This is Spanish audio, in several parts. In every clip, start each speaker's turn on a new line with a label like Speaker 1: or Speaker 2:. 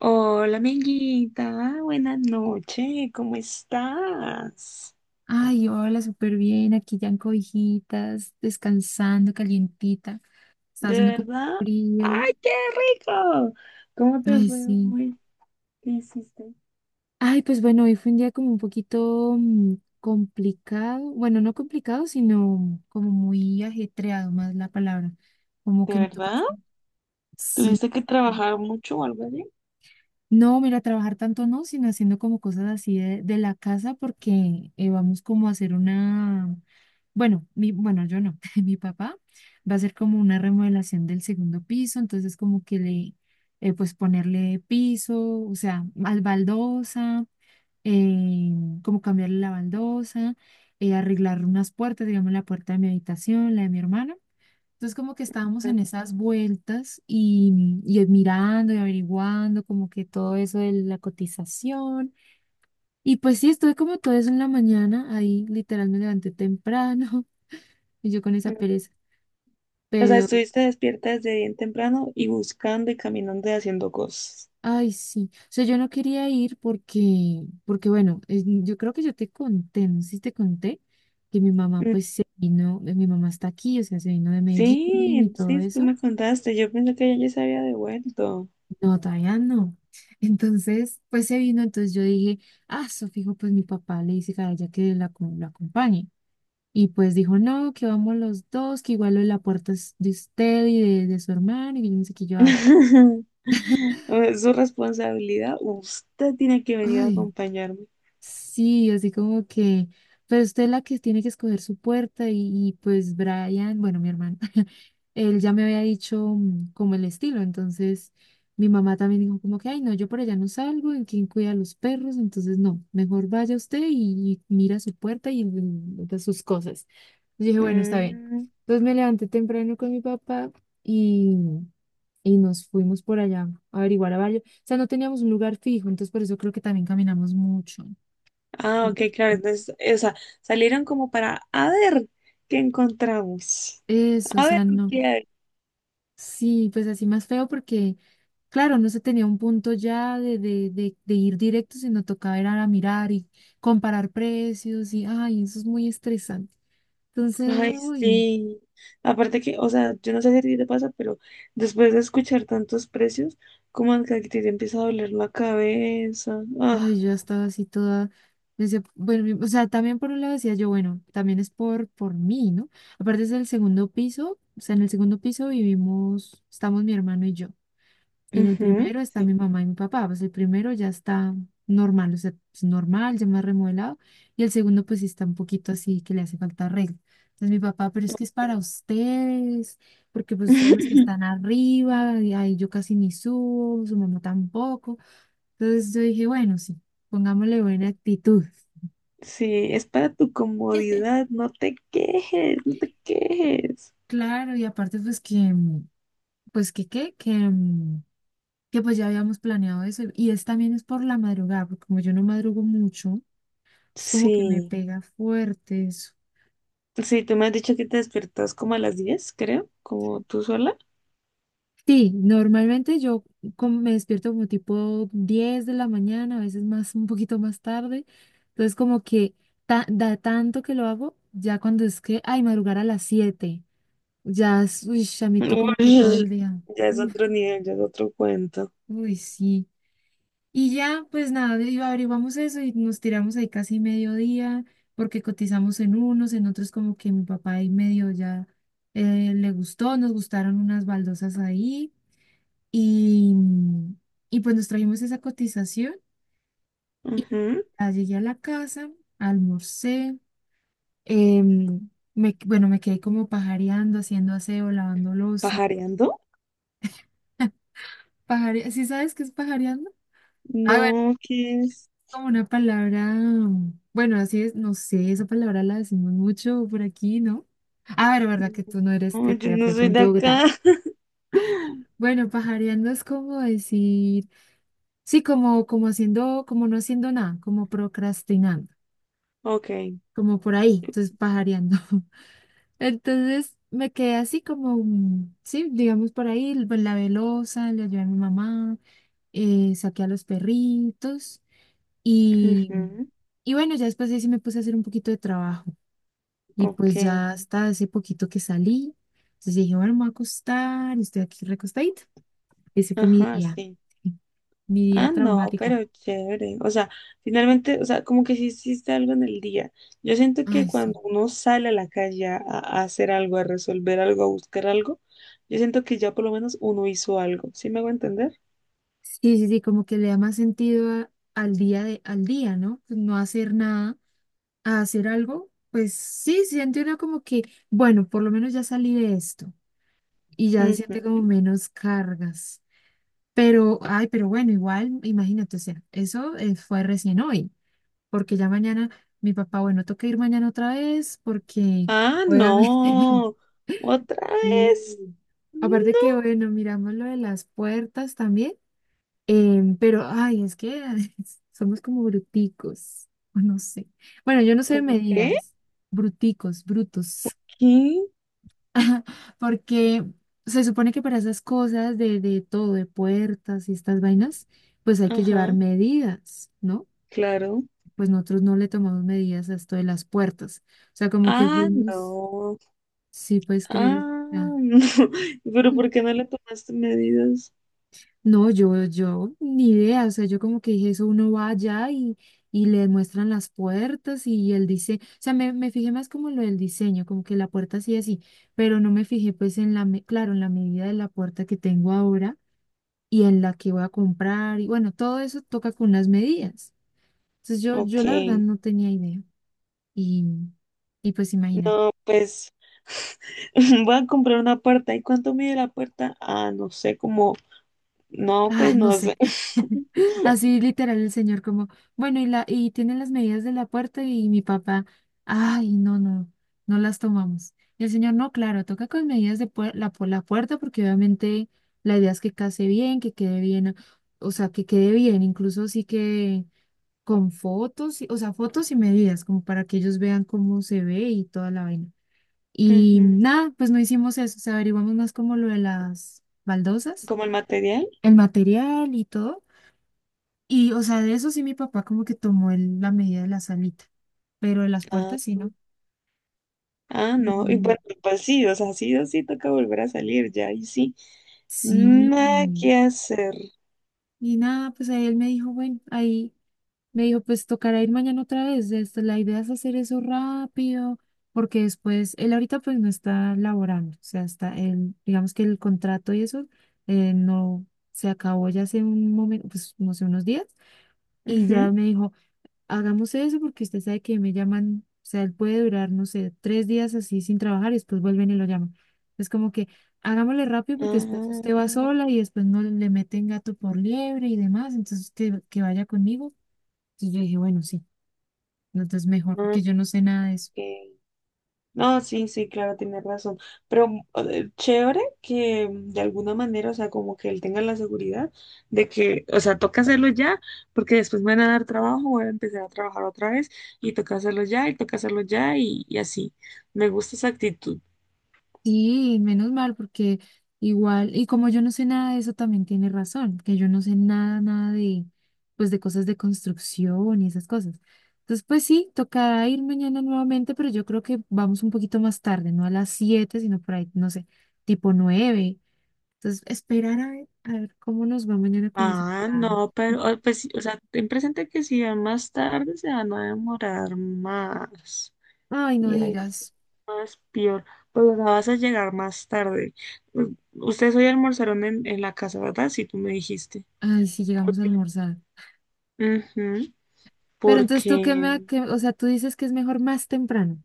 Speaker 1: Hola, amiguita. Buenas noches. ¿Cómo estás?
Speaker 2: Ay, hola, súper bien. Aquí ya en cobijitas, descansando, calientita. Estaba
Speaker 1: ¿De
Speaker 2: haciendo como
Speaker 1: verdad?
Speaker 2: frío.
Speaker 1: ¡Ay, qué rico! ¿Cómo te
Speaker 2: Ay,
Speaker 1: fue
Speaker 2: sí.
Speaker 1: hoy? ¿Qué hiciste?
Speaker 2: Ay, pues bueno, hoy fue un día como un poquito complicado. Bueno, no complicado, sino como muy ajetreado, más la palabra. Como
Speaker 1: ¿De
Speaker 2: que me tocó
Speaker 1: verdad?
Speaker 2: hacer. Sí.
Speaker 1: ¿Tuviste que trabajar mucho o algo así?
Speaker 2: No, mira, trabajar tanto no, sino haciendo como cosas así de la casa porque vamos como a hacer una, bueno, mi, bueno, yo no, mi papá va a hacer como una remodelación del segundo piso, entonces como que le, pues ponerle piso, o sea, al baldosa, eh, como cambiarle la baldosa, arreglar unas puertas, digamos la puerta de mi habitación, la de mi hermano. Entonces como que estábamos en esas vueltas y mirando y averiguando como que todo eso de la cotización. Y pues sí, estuve como todo eso en la mañana, ahí literal me levanté temprano y yo con esa
Speaker 1: Mm.
Speaker 2: pereza.
Speaker 1: O sea,
Speaker 2: Pero,
Speaker 1: estuviste despierta desde bien temprano y buscando y caminando y haciendo cosas.
Speaker 2: ay, sí, o sea, yo no quería ir porque, porque bueno, yo creo que yo te conté, no sé si te conté, que mi mamá
Speaker 1: Mm.
Speaker 2: pues se vino, mi mamá está aquí, o sea, se vino de Medellín y
Speaker 1: Sí,
Speaker 2: todo
Speaker 1: sí, tú
Speaker 2: eso.
Speaker 1: me contaste. Yo pensé que ella ya se había devuelto.
Speaker 2: No, todavía no. Entonces, pues se vino, entonces yo dije, ah, su fijo, pues mi papá le dice a ella que la acompañe. Y pues dijo, no, que vamos los dos, que igual lo de la puerta es de usted y de su hermano, y yo no sé qué, yo, ay,
Speaker 1: Es su responsabilidad. Usted tiene que venir a
Speaker 2: ay.
Speaker 1: acompañarme.
Speaker 2: Sí, así como que, pero usted es la que tiene que escoger su puerta y pues Brian, bueno, mi hermano, él ya me había dicho como el estilo, entonces mi mamá también dijo como que, ay, no, yo por allá no salgo, ¿en quién cuida a los perros? Entonces, no, mejor vaya usted y mira su puerta y, de sus cosas. Yo dije, bueno, está bien.
Speaker 1: Mm,
Speaker 2: Entonces me levanté temprano con mi papá y, y nos fuimos por allá a averiguar a varios, o sea, no teníamos un lugar fijo, entonces por eso creo que también caminamos mucho.
Speaker 1: ah,
Speaker 2: Por-
Speaker 1: ok, claro. Entonces, o sea, salieron como para, a ver, ¿qué encontramos?
Speaker 2: Eso, o
Speaker 1: A ver,
Speaker 2: sea, no.
Speaker 1: ¿qué hay?
Speaker 2: Sí, pues así más feo porque, claro, no se tenía un punto ya de ir directo, sino tocaba ir a mirar y comparar precios y, ay, eso es muy estresante. Entonces,
Speaker 1: Ay,
Speaker 2: uy,
Speaker 1: sí. Aparte que, o sea, yo no sé si a ti te pasa, pero después de escuchar tantos precios, como que a ti te empieza a doler la cabeza.
Speaker 2: ay,
Speaker 1: Ah,
Speaker 2: yo estaba así toda, decía, bueno, o sea, también por un lado decía yo, bueno, también es por mí, ¿no? Aparte es el segundo piso, o sea, en el segundo piso vivimos, estamos mi hermano y yo. En el
Speaker 1: ujú,
Speaker 2: primero está
Speaker 1: sí.
Speaker 2: mi mamá y mi papá. Pues el primero ya está normal, o sea, es normal, ya más remodelado. Y el segundo, pues sí está un poquito así que le hace falta arreglo. Entonces mi papá, pero es que es
Speaker 1: Ok.
Speaker 2: para ustedes, porque pues ustedes los que están arriba, y ahí yo casi ni subo, su mamá tampoco. Entonces yo dije, bueno, sí, pongámosle buena actitud.
Speaker 1: Sí, es para tu comodidad, no te quejes, no te quejes.
Speaker 2: Claro, y aparte pues que, pues que qué, que pues ya habíamos planeado eso. Y es también es por la madrugada, porque como yo no madrugo mucho. Es como que me
Speaker 1: Sí.
Speaker 2: pega fuerte eso.
Speaker 1: Sí, tú me has dicho que te despertas como a las 10, creo, como tú sola.
Speaker 2: Sí, normalmente yo como me despierto como tipo 10 de la mañana, a veces más, un poquito más tarde. Entonces como que da tanto que lo hago, ya cuando es que, ay, madrugar a las 7 ya, uy, chamito como que todo el
Speaker 1: Uy,
Speaker 2: día.
Speaker 1: ya es
Speaker 2: Uf,
Speaker 1: otro nivel, ya es otro cuento.
Speaker 2: uy, sí. Y ya, pues nada, y averiguamos eso y nos tiramos ahí casi mediodía, porque cotizamos en unos, en otros como que mi papá ahí medio ya le gustó, nos gustaron unas baldosas ahí y, y pues nos trajimos esa cotización y pues,
Speaker 1: Ujú.
Speaker 2: ya llegué a la casa, almorcé, em, me, bueno, me quedé como pajareando, haciendo aseo, lavando loza.
Speaker 1: ¿Pajareando?
Speaker 2: Pajare, ¿sí sabes qué es pajareando? Ah,
Speaker 1: No, ¿qué es?
Speaker 2: como una palabra, bueno, así es, no sé, esa palabra la decimos mucho por aquí, ¿no? A ver, ¿verdad que tú no eres
Speaker 1: No, yo
Speaker 2: de
Speaker 1: no soy de
Speaker 2: propiamente Bogotá?
Speaker 1: acá.
Speaker 2: Bueno, pajareando es como decir, sí, como, como haciendo, como no haciendo nada, como procrastinando,
Speaker 1: Ok.
Speaker 2: como por ahí, entonces pajareando. Entonces me quedé así como, sí, digamos por ahí, pues, la velosa, le ayudé a mi mamá, saqué a los perritos y...
Speaker 1: Ujú.
Speaker 2: Y bueno, ya después ahí sí me puse a hacer un poquito de trabajo. Y
Speaker 1: Ok.
Speaker 2: pues ya hasta hace poquito que salí, entonces dije, bueno, me voy a acostar, y estoy aquí recostadita. Ese fue
Speaker 1: Ajá, sí.
Speaker 2: mi día
Speaker 1: Ah, no,
Speaker 2: traumático.
Speaker 1: pero chévere. O sea, finalmente, o sea, como que sí hiciste algo en el día. Yo siento que
Speaker 2: Ay, sí.
Speaker 1: cuando uno sale a la calle a hacer algo, a resolver algo, a buscar algo, yo siento que ya por lo menos uno hizo algo. ¿Sí me hago entender?
Speaker 2: Sí, sí, sí, como que le da más sentido al día de, al día, ¿no? Pues no hacer nada, a hacer algo, pues sí, siente uno como que, bueno, por lo menos ya salí de esto y ya
Speaker 1: Ujú.
Speaker 2: siente como menos cargas. Pero, ay, pero bueno, igual, imagínate, o sea, eso fue recién hoy. Porque ya mañana mi papá, bueno, toca ir mañana otra vez porque
Speaker 1: Ah,
Speaker 2: obviamente,
Speaker 1: no. Otra vez.
Speaker 2: sí. Aparte
Speaker 1: No.
Speaker 2: que, bueno, miramos lo de las puertas también, pero, ay, es que somos como bruticos, o no sé. Bueno, yo no sé de
Speaker 1: ¿Cómo qué?
Speaker 2: medidas, bruticos, brutos,
Speaker 1: ¿Qué?
Speaker 2: porque se supone que para esas cosas de todo, de puertas y estas vainas, pues hay que llevar
Speaker 1: Ajá,
Speaker 2: medidas, ¿no?
Speaker 1: claro.
Speaker 2: Pues nosotros no le tomamos medidas a esto de las puertas. O sea, como que
Speaker 1: Ah,
Speaker 2: fuimos,
Speaker 1: no.
Speaker 2: sí puedes creer. Ah,
Speaker 1: Ah, no. Pero
Speaker 2: mm,
Speaker 1: ¿por qué no le tomaste medidas?
Speaker 2: no, ni idea. O sea, yo como que dije eso, uno va allá y le muestran las puertas y el diseño. O sea, me fijé más como lo del diseño, como que la puerta sí así, pero no me fijé pues en la, claro, en la medida de la puerta que tengo ahora y en la que voy a comprar. Y bueno, todo eso toca con las medidas. Entonces
Speaker 1: Ok.
Speaker 2: yo la verdad no tenía idea. Y, y pues imagínate.
Speaker 1: No, pues. Voy a comprar una puerta. ¿Y cuánto mide la puerta? Ah, no sé, como... No, pues
Speaker 2: Ah, no
Speaker 1: no
Speaker 2: sé.
Speaker 1: sé.
Speaker 2: Así literal el señor como, bueno, y la, y tienen las medidas de la puerta y mi papá, ay, no, no las tomamos. Y el señor, no, claro, toca con medidas de la, por la puerta porque obviamente la idea es que case bien, que quede bien, o sea, que quede bien, incluso sí que con fotos, o sea, fotos y medidas, como para que ellos vean cómo se ve y toda la vaina. Y
Speaker 1: Ujú.
Speaker 2: nada, pues no hicimos eso, o sea, averiguamos más como lo de las baldosas,
Speaker 1: ¿Como el material?
Speaker 2: el material y todo, y, o sea, de eso sí mi papá como que tomó la medida de la salita, pero de las
Speaker 1: Ah,
Speaker 2: puertas sí, ¿no?
Speaker 1: ah, no. Y
Speaker 2: Y
Speaker 1: bueno, pues sí, o sea, sí o sí toca volver a salir ya. Y sí,
Speaker 2: sí,
Speaker 1: nada que hacer.
Speaker 2: y nada, pues ahí él me dijo, bueno, ahí me dijo, pues tocará ir mañana otra vez, esto, la idea es hacer eso rápido, porque después, él ahorita pues no está laborando, o sea, está, él, digamos que el contrato y eso, no, se acabó ya hace un momento, pues no sé, unos días, y ya
Speaker 1: Ujú.
Speaker 2: me dijo, hagamos eso porque usted sabe que me llaman, o sea, él puede durar, no sé, 3 días así sin trabajar y después vuelven y lo llaman. Es como que hagámosle rápido porque después
Speaker 1: Ah,
Speaker 2: usted va sola y después no le meten gato por liebre y demás, entonces usted que vaya conmigo. Entonces yo dije, bueno, sí, no, entonces mejor
Speaker 1: ok.
Speaker 2: porque yo no sé nada de eso.
Speaker 1: No, sí, sí, claro, tienes razón. Pero chévere que de alguna manera, o sea, como que él tenga la seguridad de que, o sea, toca hacerlo ya, porque después me van a dar trabajo, voy a empezar a trabajar otra vez y toca hacerlo ya y toca hacerlo ya y así. Me gusta esa actitud.
Speaker 2: Sí, menos mal, porque igual, y como yo no sé nada de eso, también tiene razón, que yo no sé nada, nada de, pues de cosas de construcción y esas cosas. Entonces, pues sí, tocará ir mañana nuevamente, pero yo creo que vamos un poquito más tarde, no a las 7 sino por ahí, no sé, tipo 9. Entonces, esperar a ver cómo nos va mañana con ese
Speaker 1: Ah,
Speaker 2: plan.
Speaker 1: no, pero, oh, pues, sí, o sea, ten presente que si va más tarde se van a demorar más.
Speaker 2: Ay, no
Speaker 1: Y ahí sí,
Speaker 2: digas,
Speaker 1: más peor. Pues o vas a llegar más tarde. U- Ustedes hoy almorzaron en la casa, ¿verdad? Sí, tú me dijiste.
Speaker 2: ay, si llegamos a almorzar.
Speaker 1: Ujú,
Speaker 2: Pero entonces tú qué
Speaker 1: porque
Speaker 2: me, o sea, tú dices que es mejor más temprano.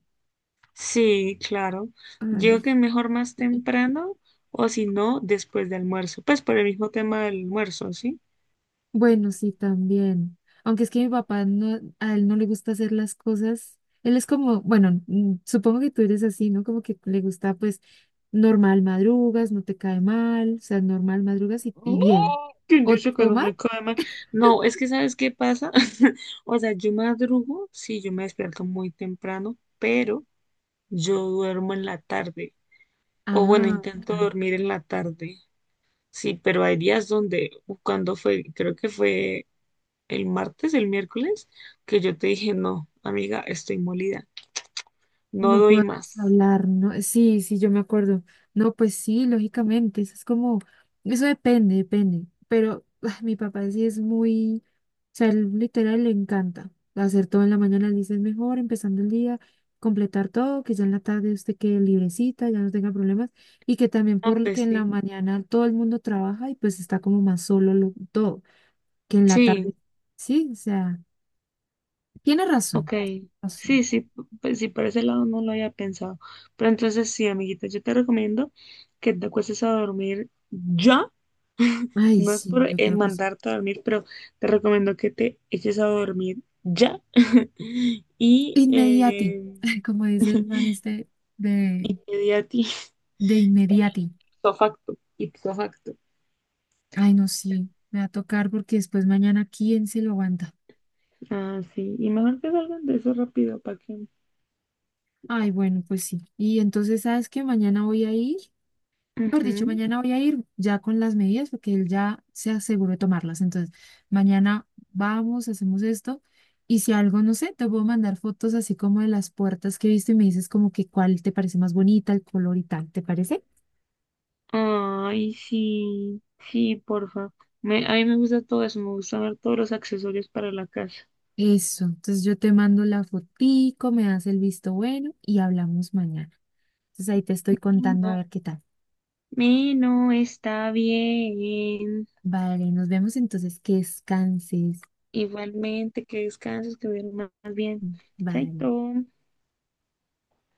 Speaker 1: sí, claro. Yo
Speaker 2: Ay.
Speaker 1: que mejor más temprano o si no, después de almuerzo. Pues por el mismo tema del almuerzo, ¿sí?
Speaker 2: Bueno, sí, también. Aunque es que mi papá no, a él no le gusta hacer las cosas. Él es como, bueno, supongo que tú eres así, ¿no? Como que le gusta, pues, normal madrugas, no te cae mal, o sea, normal madrugas y
Speaker 1: Mm,
Speaker 2: bien.
Speaker 1: ¿quién dice que
Speaker 2: O
Speaker 1: no
Speaker 2: mal?
Speaker 1: me cae mal? No, es que ¿sabes qué pasa? O sea, yo madrugo, sí, yo me despierto muy temprano, pero yo duermo en la tarde. O bueno,
Speaker 2: Ah,
Speaker 1: intento
Speaker 2: claro.
Speaker 1: dormir en la tarde. Sí, pero hay días donde, cuando fue, creo que fue el martes, el miércoles, que yo te dije, no, amiga, estoy molida, no
Speaker 2: No
Speaker 1: doy
Speaker 2: podemos
Speaker 1: más.
Speaker 2: hablar, no, sí, sí, yo me acuerdo. No, pues sí, lógicamente, eso es como, eso depende, depende. Pero ah, mi papá sí es muy, o sea, él literal le encanta hacer todo en la mañana, él dice es mejor empezando el día, completar todo, que ya en la tarde usted quede librecita, ya no tenga problemas, y que también
Speaker 1: Ah,
Speaker 2: porque
Speaker 1: pues
Speaker 2: en la
Speaker 1: sí.
Speaker 2: mañana todo el mundo trabaja y pues está como más solo todo, que en la
Speaker 1: Sí,
Speaker 2: tarde, sí, o sea, tiene razón,
Speaker 1: ok.
Speaker 2: razón.
Speaker 1: Sí, sí, pues sí, por ese lado no lo había pensado. Pero entonces sí, amiguita, yo te recomiendo que te acuestes a dormir ya.
Speaker 2: Ay,
Speaker 1: No es
Speaker 2: sí,
Speaker 1: por
Speaker 2: yo creo que sí.
Speaker 1: mandarte a dormir, pero te recomiendo que te eches a dormir ya. Y
Speaker 2: Inmediati, como dice el man este de,
Speaker 1: media a ti.
Speaker 2: de inmediati.
Speaker 1: Ipso facto. Ipso facto.
Speaker 2: Ay, no, sí, me va a tocar porque después mañana, ¿quién se lo aguanta?
Speaker 1: Ah, sí. Y mejor que salgan de eso rápido, ¿para qué?
Speaker 2: Ay, bueno, pues sí. Y entonces, ¿sabes qué? Mañana voy a ir, por dicho,
Speaker 1: Ujú.
Speaker 2: mañana voy a ir ya con las medidas porque él ya se aseguró de tomarlas. Entonces, mañana vamos, hacemos esto. Y si algo, no sé, te puedo mandar fotos así como de las puertas que he visto y me dices como que cuál te parece más bonita, el color y tal, ¿te parece?
Speaker 1: Ay, sí. Sí, porfa. Me, a mí me gusta todo eso. Me gusta ver todos los accesorios para la casa.
Speaker 2: Eso, entonces yo te mando la fotico, me das el visto bueno y hablamos mañana. Entonces ahí te estoy
Speaker 1: Y
Speaker 2: contando a
Speaker 1: no.
Speaker 2: ver qué tal.
Speaker 1: Y no está bien.
Speaker 2: Vale, nos vemos entonces, que descanses.
Speaker 1: Igualmente, que descanses, que duermas bien.
Speaker 2: Vale.
Speaker 1: Chaito.